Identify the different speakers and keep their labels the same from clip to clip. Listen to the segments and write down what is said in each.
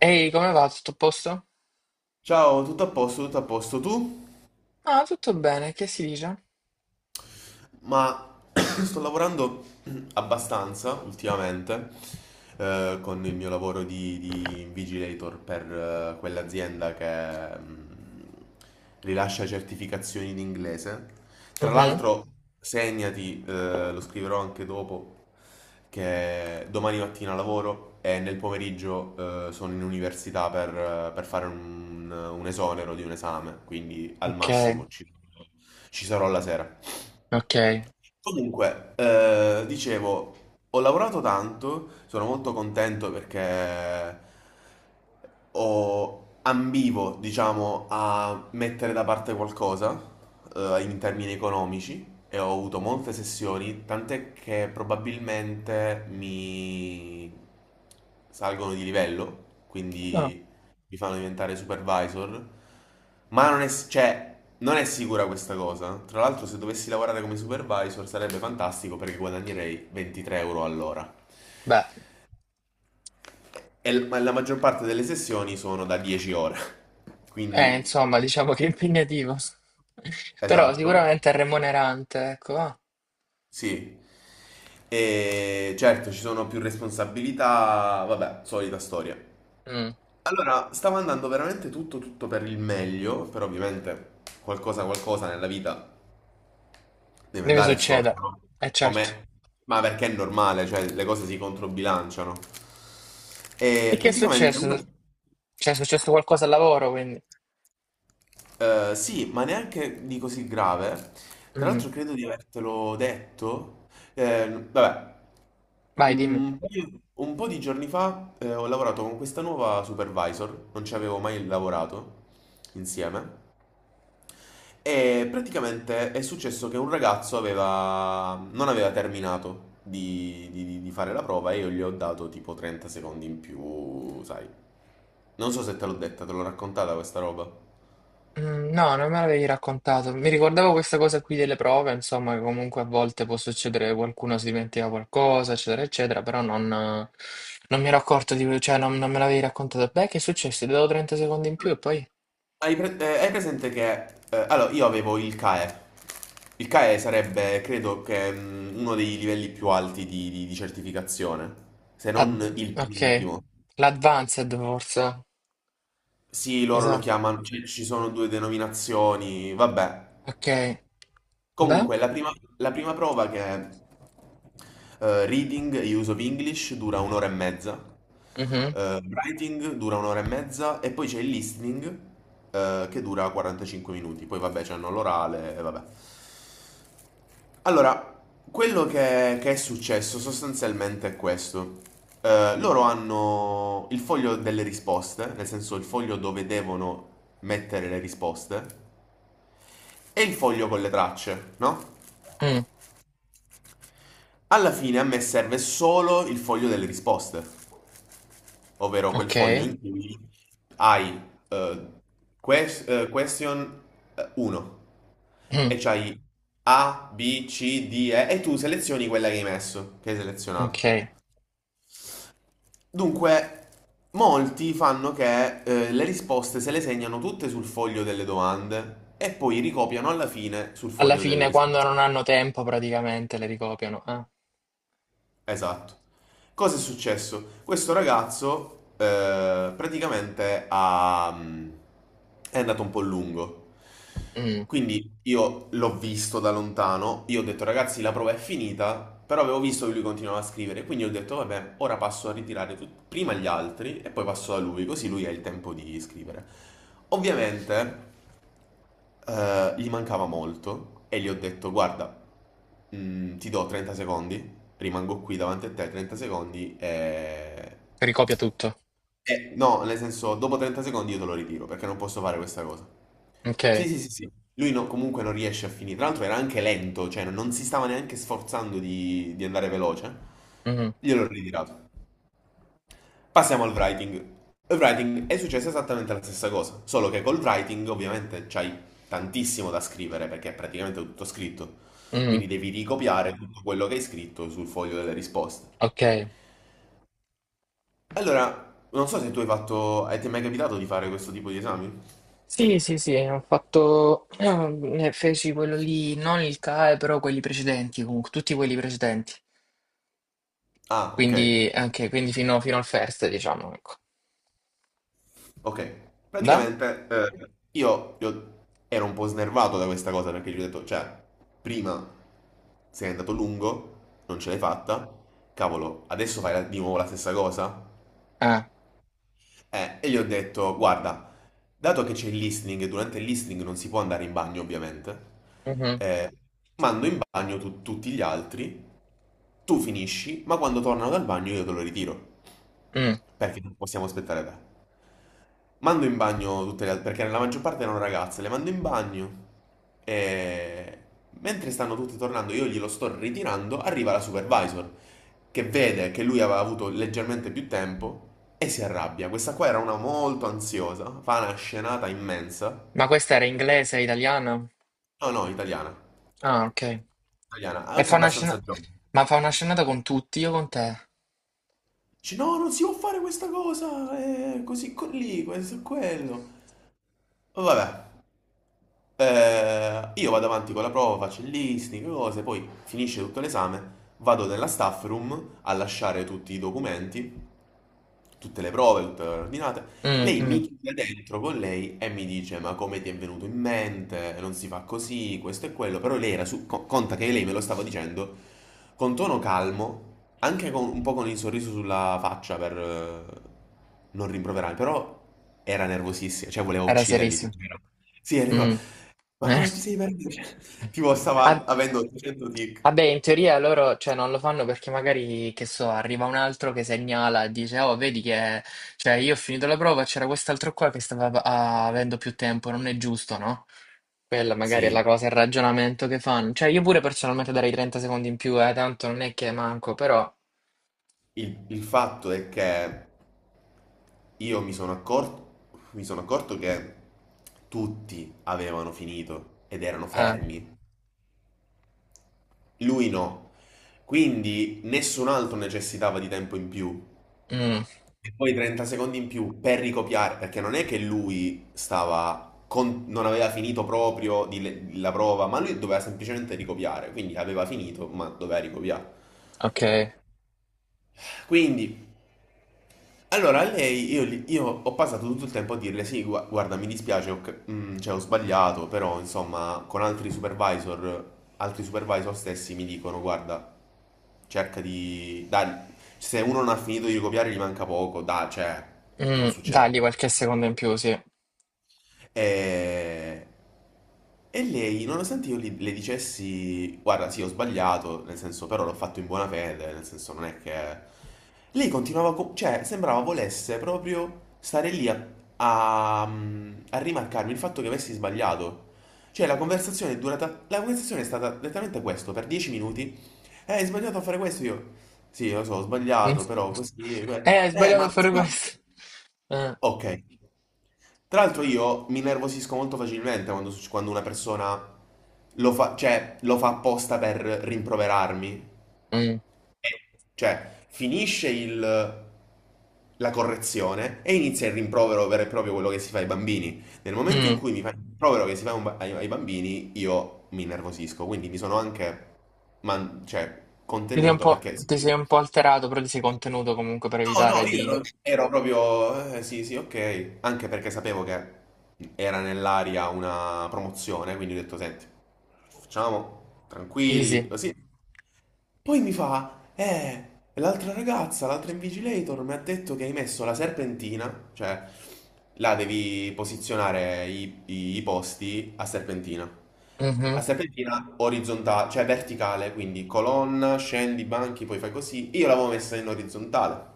Speaker 1: Ehi, come va? Tutto a posto?
Speaker 2: Ciao, tutto a posto, tutto a posto. Tu?
Speaker 1: Ah, tutto bene, che si dice?
Speaker 2: Ma sto lavorando abbastanza ultimamente con il mio lavoro di invigilator per quell'azienda che rilascia certificazioni in inglese. Tra
Speaker 1: Mhm.
Speaker 2: l'altro, segnati, lo scriverò anche dopo, che domani mattina lavoro e nel pomeriggio sono in università per fare un esonero di un esame, quindi al
Speaker 1: Ok,
Speaker 2: massimo ci sarò la sera.
Speaker 1: ok.
Speaker 2: Comunque, dicevo, ho lavorato tanto, sono molto contento perché ambivo, diciamo, a mettere da parte qualcosa, in termini economici e ho avuto molte sessioni, tant'è che probabilmente mi salgono di livello,
Speaker 1: Ah,
Speaker 2: quindi li fanno diventare supervisor, ma non è, cioè, non è sicura questa cosa. Tra l'altro, se dovessi lavorare come supervisor sarebbe fantastico perché guadagnerei 23 euro all'ora.
Speaker 1: beh,
Speaker 2: Ma la maggior parte delle sessioni sono da 10 ore. Quindi,
Speaker 1: insomma, diciamo che è impegnativo. Però
Speaker 2: esatto,
Speaker 1: sicuramente è remunerante, ecco. Ah.
Speaker 2: sì. E certo, ci sono più responsabilità, vabbè, solita storia.
Speaker 1: Mm.
Speaker 2: Allora, stava andando veramente tutto tutto per il meglio, però ovviamente qualcosa nella vita devi
Speaker 1: Deve
Speaker 2: andare storto,
Speaker 1: succedere,
Speaker 2: no?
Speaker 1: è certo.
Speaker 2: Come? Ma perché è normale, cioè le cose si controbilanciano.
Speaker 1: E
Speaker 2: E
Speaker 1: che è
Speaker 2: praticamente
Speaker 1: successo?
Speaker 2: una.
Speaker 1: Cioè, è successo qualcosa al lavoro, quindi.
Speaker 2: Sì, ma neanche di così grave. Tra
Speaker 1: Mm.
Speaker 2: l'altro credo di avertelo detto. Vabbè,
Speaker 1: Vai, dimmi.
Speaker 2: un po' di giorni fa ho lavorato con questa nuova supervisor, non ci avevo mai lavorato insieme. E praticamente è successo che un ragazzo non aveva terminato di fare la prova e io gli ho dato tipo 30 secondi in più, sai. Non so se te l'ho detta, te l'ho raccontata questa roba.
Speaker 1: Mm. No, non me l'avevi raccontato. Mi ricordavo questa cosa qui delle prove, insomma, che comunque a volte può succedere che qualcuno si dimentica qualcosa, eccetera, eccetera, però non mi ero accorto di, cioè non me l'avevi raccontato. Beh, che è successo? Ti do 30 secondi in più e poi...
Speaker 2: Hai presente che. Allora, io avevo il CAE. Il CAE sarebbe, credo che, uno dei livelli più alti di certificazione, se non il
Speaker 1: Ok,
Speaker 2: penultimo.
Speaker 1: l'advanced forse,
Speaker 2: Sì,
Speaker 1: mi
Speaker 2: loro lo
Speaker 1: sa.
Speaker 2: chiamano, ci sono due denominazioni, vabbè.
Speaker 1: Ok, beh,
Speaker 2: Comunque, la prima prova che è reading e use of English dura un'ora e mezza,
Speaker 1: mhm,
Speaker 2: writing dura un'ora e mezza e poi c'è il listening che dura 45 minuti. Poi vabbè, c'hanno l'orale e vabbè. Allora, quello che è successo sostanzialmente è questo. Loro hanno il foglio delle risposte, nel senso il foglio dove devono mettere le risposte, e il foglio con le tracce, no?
Speaker 1: mm,
Speaker 2: Alla fine a me serve solo il foglio delle risposte, ovvero quel
Speaker 1: ok,
Speaker 2: foglio in cui hai eh, question 1
Speaker 1: mm,
Speaker 2: e c'hai A, B, C, D, E e tu selezioni quella che hai messo, che hai
Speaker 1: ok.
Speaker 2: selezionato. Dunque, molti fanno che le risposte se le segnano tutte sul foglio delle domande e poi ricopiano alla fine sul
Speaker 1: Alla
Speaker 2: foglio delle
Speaker 1: fine, quando
Speaker 2: risposte.
Speaker 1: non hanno tempo, praticamente le ricopiano. Eh.
Speaker 2: Esatto. Cosa è successo? Questo ragazzo praticamente è andato un po' lungo.
Speaker 1: Mm.
Speaker 2: Quindi io l'ho visto da lontano, io ho detto ragazzi la prova è finita, però avevo visto che lui continuava a scrivere, quindi ho detto vabbè, ora passo a ritirare prima gli altri e poi passo da lui, così lui ha il tempo di scrivere. Ovviamente gli mancava molto e gli ho detto: Guarda, ti do 30 secondi, rimango qui davanti a te 30 secondi e.
Speaker 1: Ricopia tutto.
Speaker 2: No, nel senso, dopo 30 secondi io te lo ritiro perché non posso fare questa cosa.
Speaker 1: Ok.
Speaker 2: Sì, sì, sì, sì. Lui comunque non riesce a finire. Tra l'altro era anche lento, cioè non si stava neanche sforzando di andare veloce.
Speaker 1: Mhm.
Speaker 2: Gliel'ho ritirato. Passiamo al writing. Il writing è successa esattamente la stessa cosa, solo che col writing ovviamente c'hai tantissimo da scrivere perché è praticamente tutto scritto.
Speaker 1: Mhm.
Speaker 2: Quindi devi ricopiare tutto quello che hai scritto sul foglio delle risposte.
Speaker 1: Ok,
Speaker 2: Allora, non so se tu hai fatto... hai ti è mai capitato di fare questo tipo di esami?
Speaker 1: sì, sì, sì, ho fatto, feci quello lì, non il CAE, però quelli precedenti, comunque, tutti quelli precedenti,
Speaker 2: Ah, ok.
Speaker 1: quindi anche, quindi fino, fino al first, diciamo, ecco.
Speaker 2: Ok,
Speaker 1: Da?
Speaker 2: praticamente io ero un po' snervato da questa cosa perché gli ho detto, cioè, prima sei andato lungo, non ce l'hai fatta, cavolo, adesso fai di nuovo la stessa cosa?
Speaker 1: Ah,
Speaker 2: E gli ho detto, guarda, dato che c'è il listening, e durante il listening non si può andare in bagno ovviamente,
Speaker 1: mhm,
Speaker 2: eh, mando in bagno tutti gli altri, tu finisci, ma quando tornano dal bagno io te lo ritiro,
Speaker 1: mm.
Speaker 2: perché non possiamo aspettare te. Mando in bagno tutte le altre, perché la maggior parte erano ragazze, le mando in bagno e mentre stanno tutti tornando, io glielo sto ritirando, arriva la supervisor che vede che lui aveva avuto leggermente più tempo e si arrabbia. Questa qua era una molto ansiosa, fa una scenata immensa.
Speaker 1: Ma questa era inglese, italiana?
Speaker 2: No, no, italiana,
Speaker 1: Ah, ok.
Speaker 2: italiana,
Speaker 1: E
Speaker 2: anche
Speaker 1: fa una scena,
Speaker 2: abbastanza giovane.
Speaker 1: ma fa una scenata con tutti, io con te?
Speaker 2: Dice, no, non si può fare questa cosa, così, con lì, questo e quello. Vabbè. Io vado avanti con la prova, faccio il listening, cose, poi finisce tutto l'esame, vado nella staff room a lasciare tutti i documenti, tutte le prove, tutte le ordinate.
Speaker 1: Mm,
Speaker 2: Lei mi
Speaker 1: mm.
Speaker 2: chiude dentro con lei e mi dice: Ma come ti è venuto in mente? Non si fa così, questo e quello. Però lei era su. Conta che lei me lo stava dicendo con tono calmo, anche con un po' con il sorriso sulla faccia per non rimproverarmi. Però era nervosissima, cioè voleva
Speaker 1: Era
Speaker 2: uccidermi.
Speaker 1: serissimo.
Speaker 2: Tipo, sì, era tipo,
Speaker 1: Mm.
Speaker 2: ma
Speaker 1: Eh.
Speaker 2: come ti sei perduto? Cioè, tipo,
Speaker 1: Ah,
Speaker 2: stava avendo 800 tic.
Speaker 1: vabbè, in teoria loro, cioè, non lo fanno perché magari, che so, arriva un altro che segnala e dice, oh, vedi che, cioè, io ho finito la prova, c'era quest'altro qua che stava ah, avendo più tempo, non è giusto, no? Quella magari è
Speaker 2: Sì,
Speaker 1: la cosa, il ragionamento che fanno. Cioè, io pure personalmente darei 30 secondi in più, tanto non è che manco, però...
Speaker 2: il fatto è che io mi sono accorto che tutti avevano finito ed erano
Speaker 1: eh,
Speaker 2: fermi. Lui no. Quindi nessun altro necessitava di tempo in più.
Speaker 1: mm,
Speaker 2: E poi 30 secondi in più per ricopiare, perché non è che lui stava non aveva finito proprio di la prova, ma lui doveva semplicemente ricopiare, quindi aveva finito, ma doveva ricopiare.
Speaker 1: ok.
Speaker 2: Quindi. Allora, a lei io ho passato tutto il tempo a dirle: Sì, guarda, mi dispiace, cioè, ho sbagliato, però insomma, con altri supervisor stessi mi dicono: Guarda, cerca di. Dai, se uno non ha finito di copiare, gli manca poco, dai, cioè,
Speaker 1: Mm,
Speaker 2: non succede.
Speaker 1: dagli qualche secondo in più, sì.
Speaker 2: E, e lei, nonostante io le dicessi, guarda, sì, ho sbagliato, nel senso, però l'ho fatto in buona fede, nel senso, non è che. Lei continuava, cioè, sembrava volesse proprio stare lì a, a, rimarcarmi il fatto che avessi sbagliato. Cioè, la conversazione è durata. La conversazione è stata letteralmente questo, per 10 minuti. Hai sbagliato a fare questo? Io, sì, lo so, ho
Speaker 1: Mm.
Speaker 2: sbagliato, però così.
Speaker 1: Hai sbagliato
Speaker 2: Ma
Speaker 1: a
Speaker 2: non
Speaker 1: fare
Speaker 2: si fa.
Speaker 1: questo. Eh,
Speaker 2: Ok. Tra l'altro io mi nervosisco molto facilmente quando, quando una persona lo fa, cioè, lo fa apposta per rimproverarmi.
Speaker 1: mm,
Speaker 2: Cioè, finisce la correzione e inizia il rimprovero vero e proprio quello che si fa ai bambini. Nel momento in
Speaker 1: mm.
Speaker 2: cui mi fa il rimprovero che si fa ai bambini, io mi nervosisco. Quindi mi sono anche cioè,
Speaker 1: Ti sei
Speaker 2: contenuto perché.
Speaker 1: ti sei un po' alterato, però ti sei contenuto comunque per
Speaker 2: No, no,
Speaker 1: evitare
Speaker 2: io
Speaker 1: di...
Speaker 2: ero proprio. Sì, sì, ok. Anche perché sapevo che era nell'aria una promozione, quindi ho detto, senti, facciamo
Speaker 1: Easy.
Speaker 2: tranquilli, così. Poi mi fa, l'altra ragazza, l'altra invigilator mi ha detto che hai messo la serpentina, cioè là devi posizionare i posti a serpentina.
Speaker 1: Mhm.
Speaker 2: A serpentina orizzontale, cioè verticale, quindi colonna, scendi, banchi, poi fai così. Io l'avevo messa in orizzontale.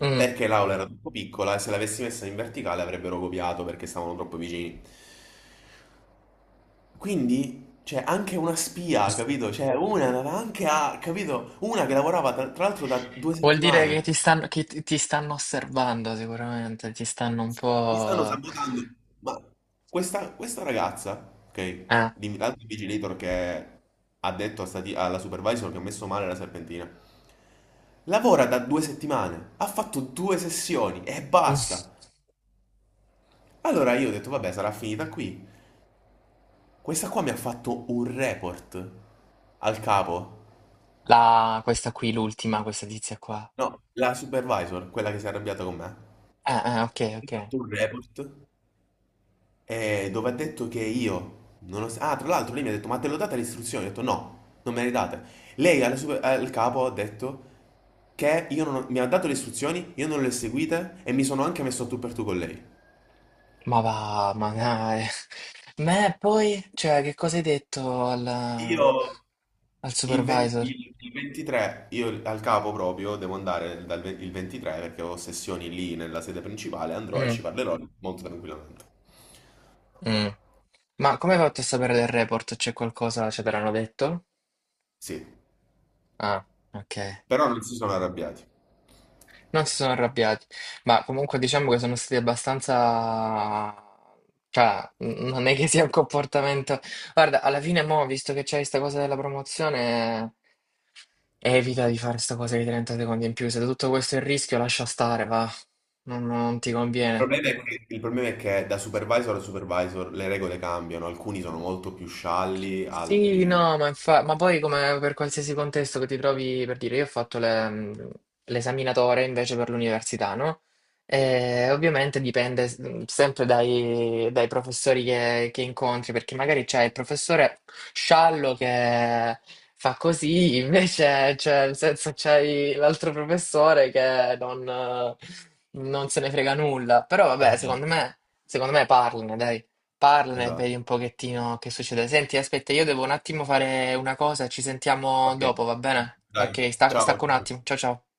Speaker 1: Mm.
Speaker 2: Perché l'aula era troppo piccola e se l'avessi messa in verticale avrebbero copiato perché stavano troppo vicini. Quindi c'è anche una spia, capito? Cioè, una andava anche a, capito? Una che lavorava tra l'altro da due
Speaker 1: Vuol dire che
Speaker 2: settimane.
Speaker 1: che ti stanno osservando sicuramente, ti stanno un
Speaker 2: Mi stanno
Speaker 1: po'...
Speaker 2: sabotando. Ma questa ragazza, ok?
Speaker 1: Eh.
Speaker 2: L'altro vigilator che ha detto a alla supervisor che ha messo male la serpentina. Lavora da 2 settimane, ha fatto due sessioni e basta. Allora io ho detto, vabbè, sarà finita qui. Questa qua mi ha fatto un report al capo.
Speaker 1: La, questa qui, l'ultima, questa tizia qua.
Speaker 2: No, la supervisor, quella che si è arrabbiata con me.
Speaker 1: Ok,
Speaker 2: Ha
Speaker 1: ok.
Speaker 2: fatto un report. Dove ha detto che io non ho. Ah, tra l'altro lei mi ha detto, ma te l'ho data le istruzioni? Ho detto no, non me le hai date. Lei al capo ha detto che io non ho- mi ha dato le istruzioni, io non le ho seguite e mi sono anche messo a tu per tu con lei.
Speaker 1: Ma va, ma dai. Ma e poi, cioè, che cosa hai detto
Speaker 2: Io,
Speaker 1: al
Speaker 2: Il, ven-
Speaker 1: supervisor?
Speaker 2: il 23, io al capo proprio devo andare il 23 perché ho sessioni lì nella sede principale, andrò e ci
Speaker 1: Mm,
Speaker 2: parlerò molto tranquillamente.
Speaker 1: mm. Ma come hai fatto a sapere del report? C'è qualcosa, ce te l'hanno detto?
Speaker 2: Sì,
Speaker 1: Ah, ok.
Speaker 2: però non si sono arrabbiati.
Speaker 1: Non si sono arrabbiati, ma comunque diciamo che sono stati abbastanza... Cioè, non è che sia un comportamento... Guarda, alla fine mo, visto che c'è questa cosa della promozione, evita di fare sta cosa di 30 secondi in più. Se tutto questo è il rischio, lascia stare, va. Non non ti
Speaker 2: Il
Speaker 1: conviene.
Speaker 2: problema è che il problema è che da supervisor a supervisor le regole cambiano, alcuni sono molto più scialli,
Speaker 1: Sì,
Speaker 2: altri.
Speaker 1: no, ma, ma poi come per qualsiasi contesto che ti trovi, per dire, io l'esaminatore invece per l'università, no? E ovviamente dipende sempre dai professori che incontri, perché magari c'è il professore sciallo che fa così, invece cioè, nel senso, c'hai l'altro professore che non, non se ne frega nulla. Però vabbè,
Speaker 2: Esatto,
Speaker 1: secondo me parlane, dai. Parlane e vedi
Speaker 2: esatto.
Speaker 1: un pochettino che succede. Senti, aspetta, io devo un attimo fare una cosa, ci sentiamo
Speaker 2: Ok,
Speaker 1: dopo, va bene?
Speaker 2: dai,
Speaker 1: Ok,
Speaker 2: ciao.
Speaker 1: stacco un attimo. Ciao ciao.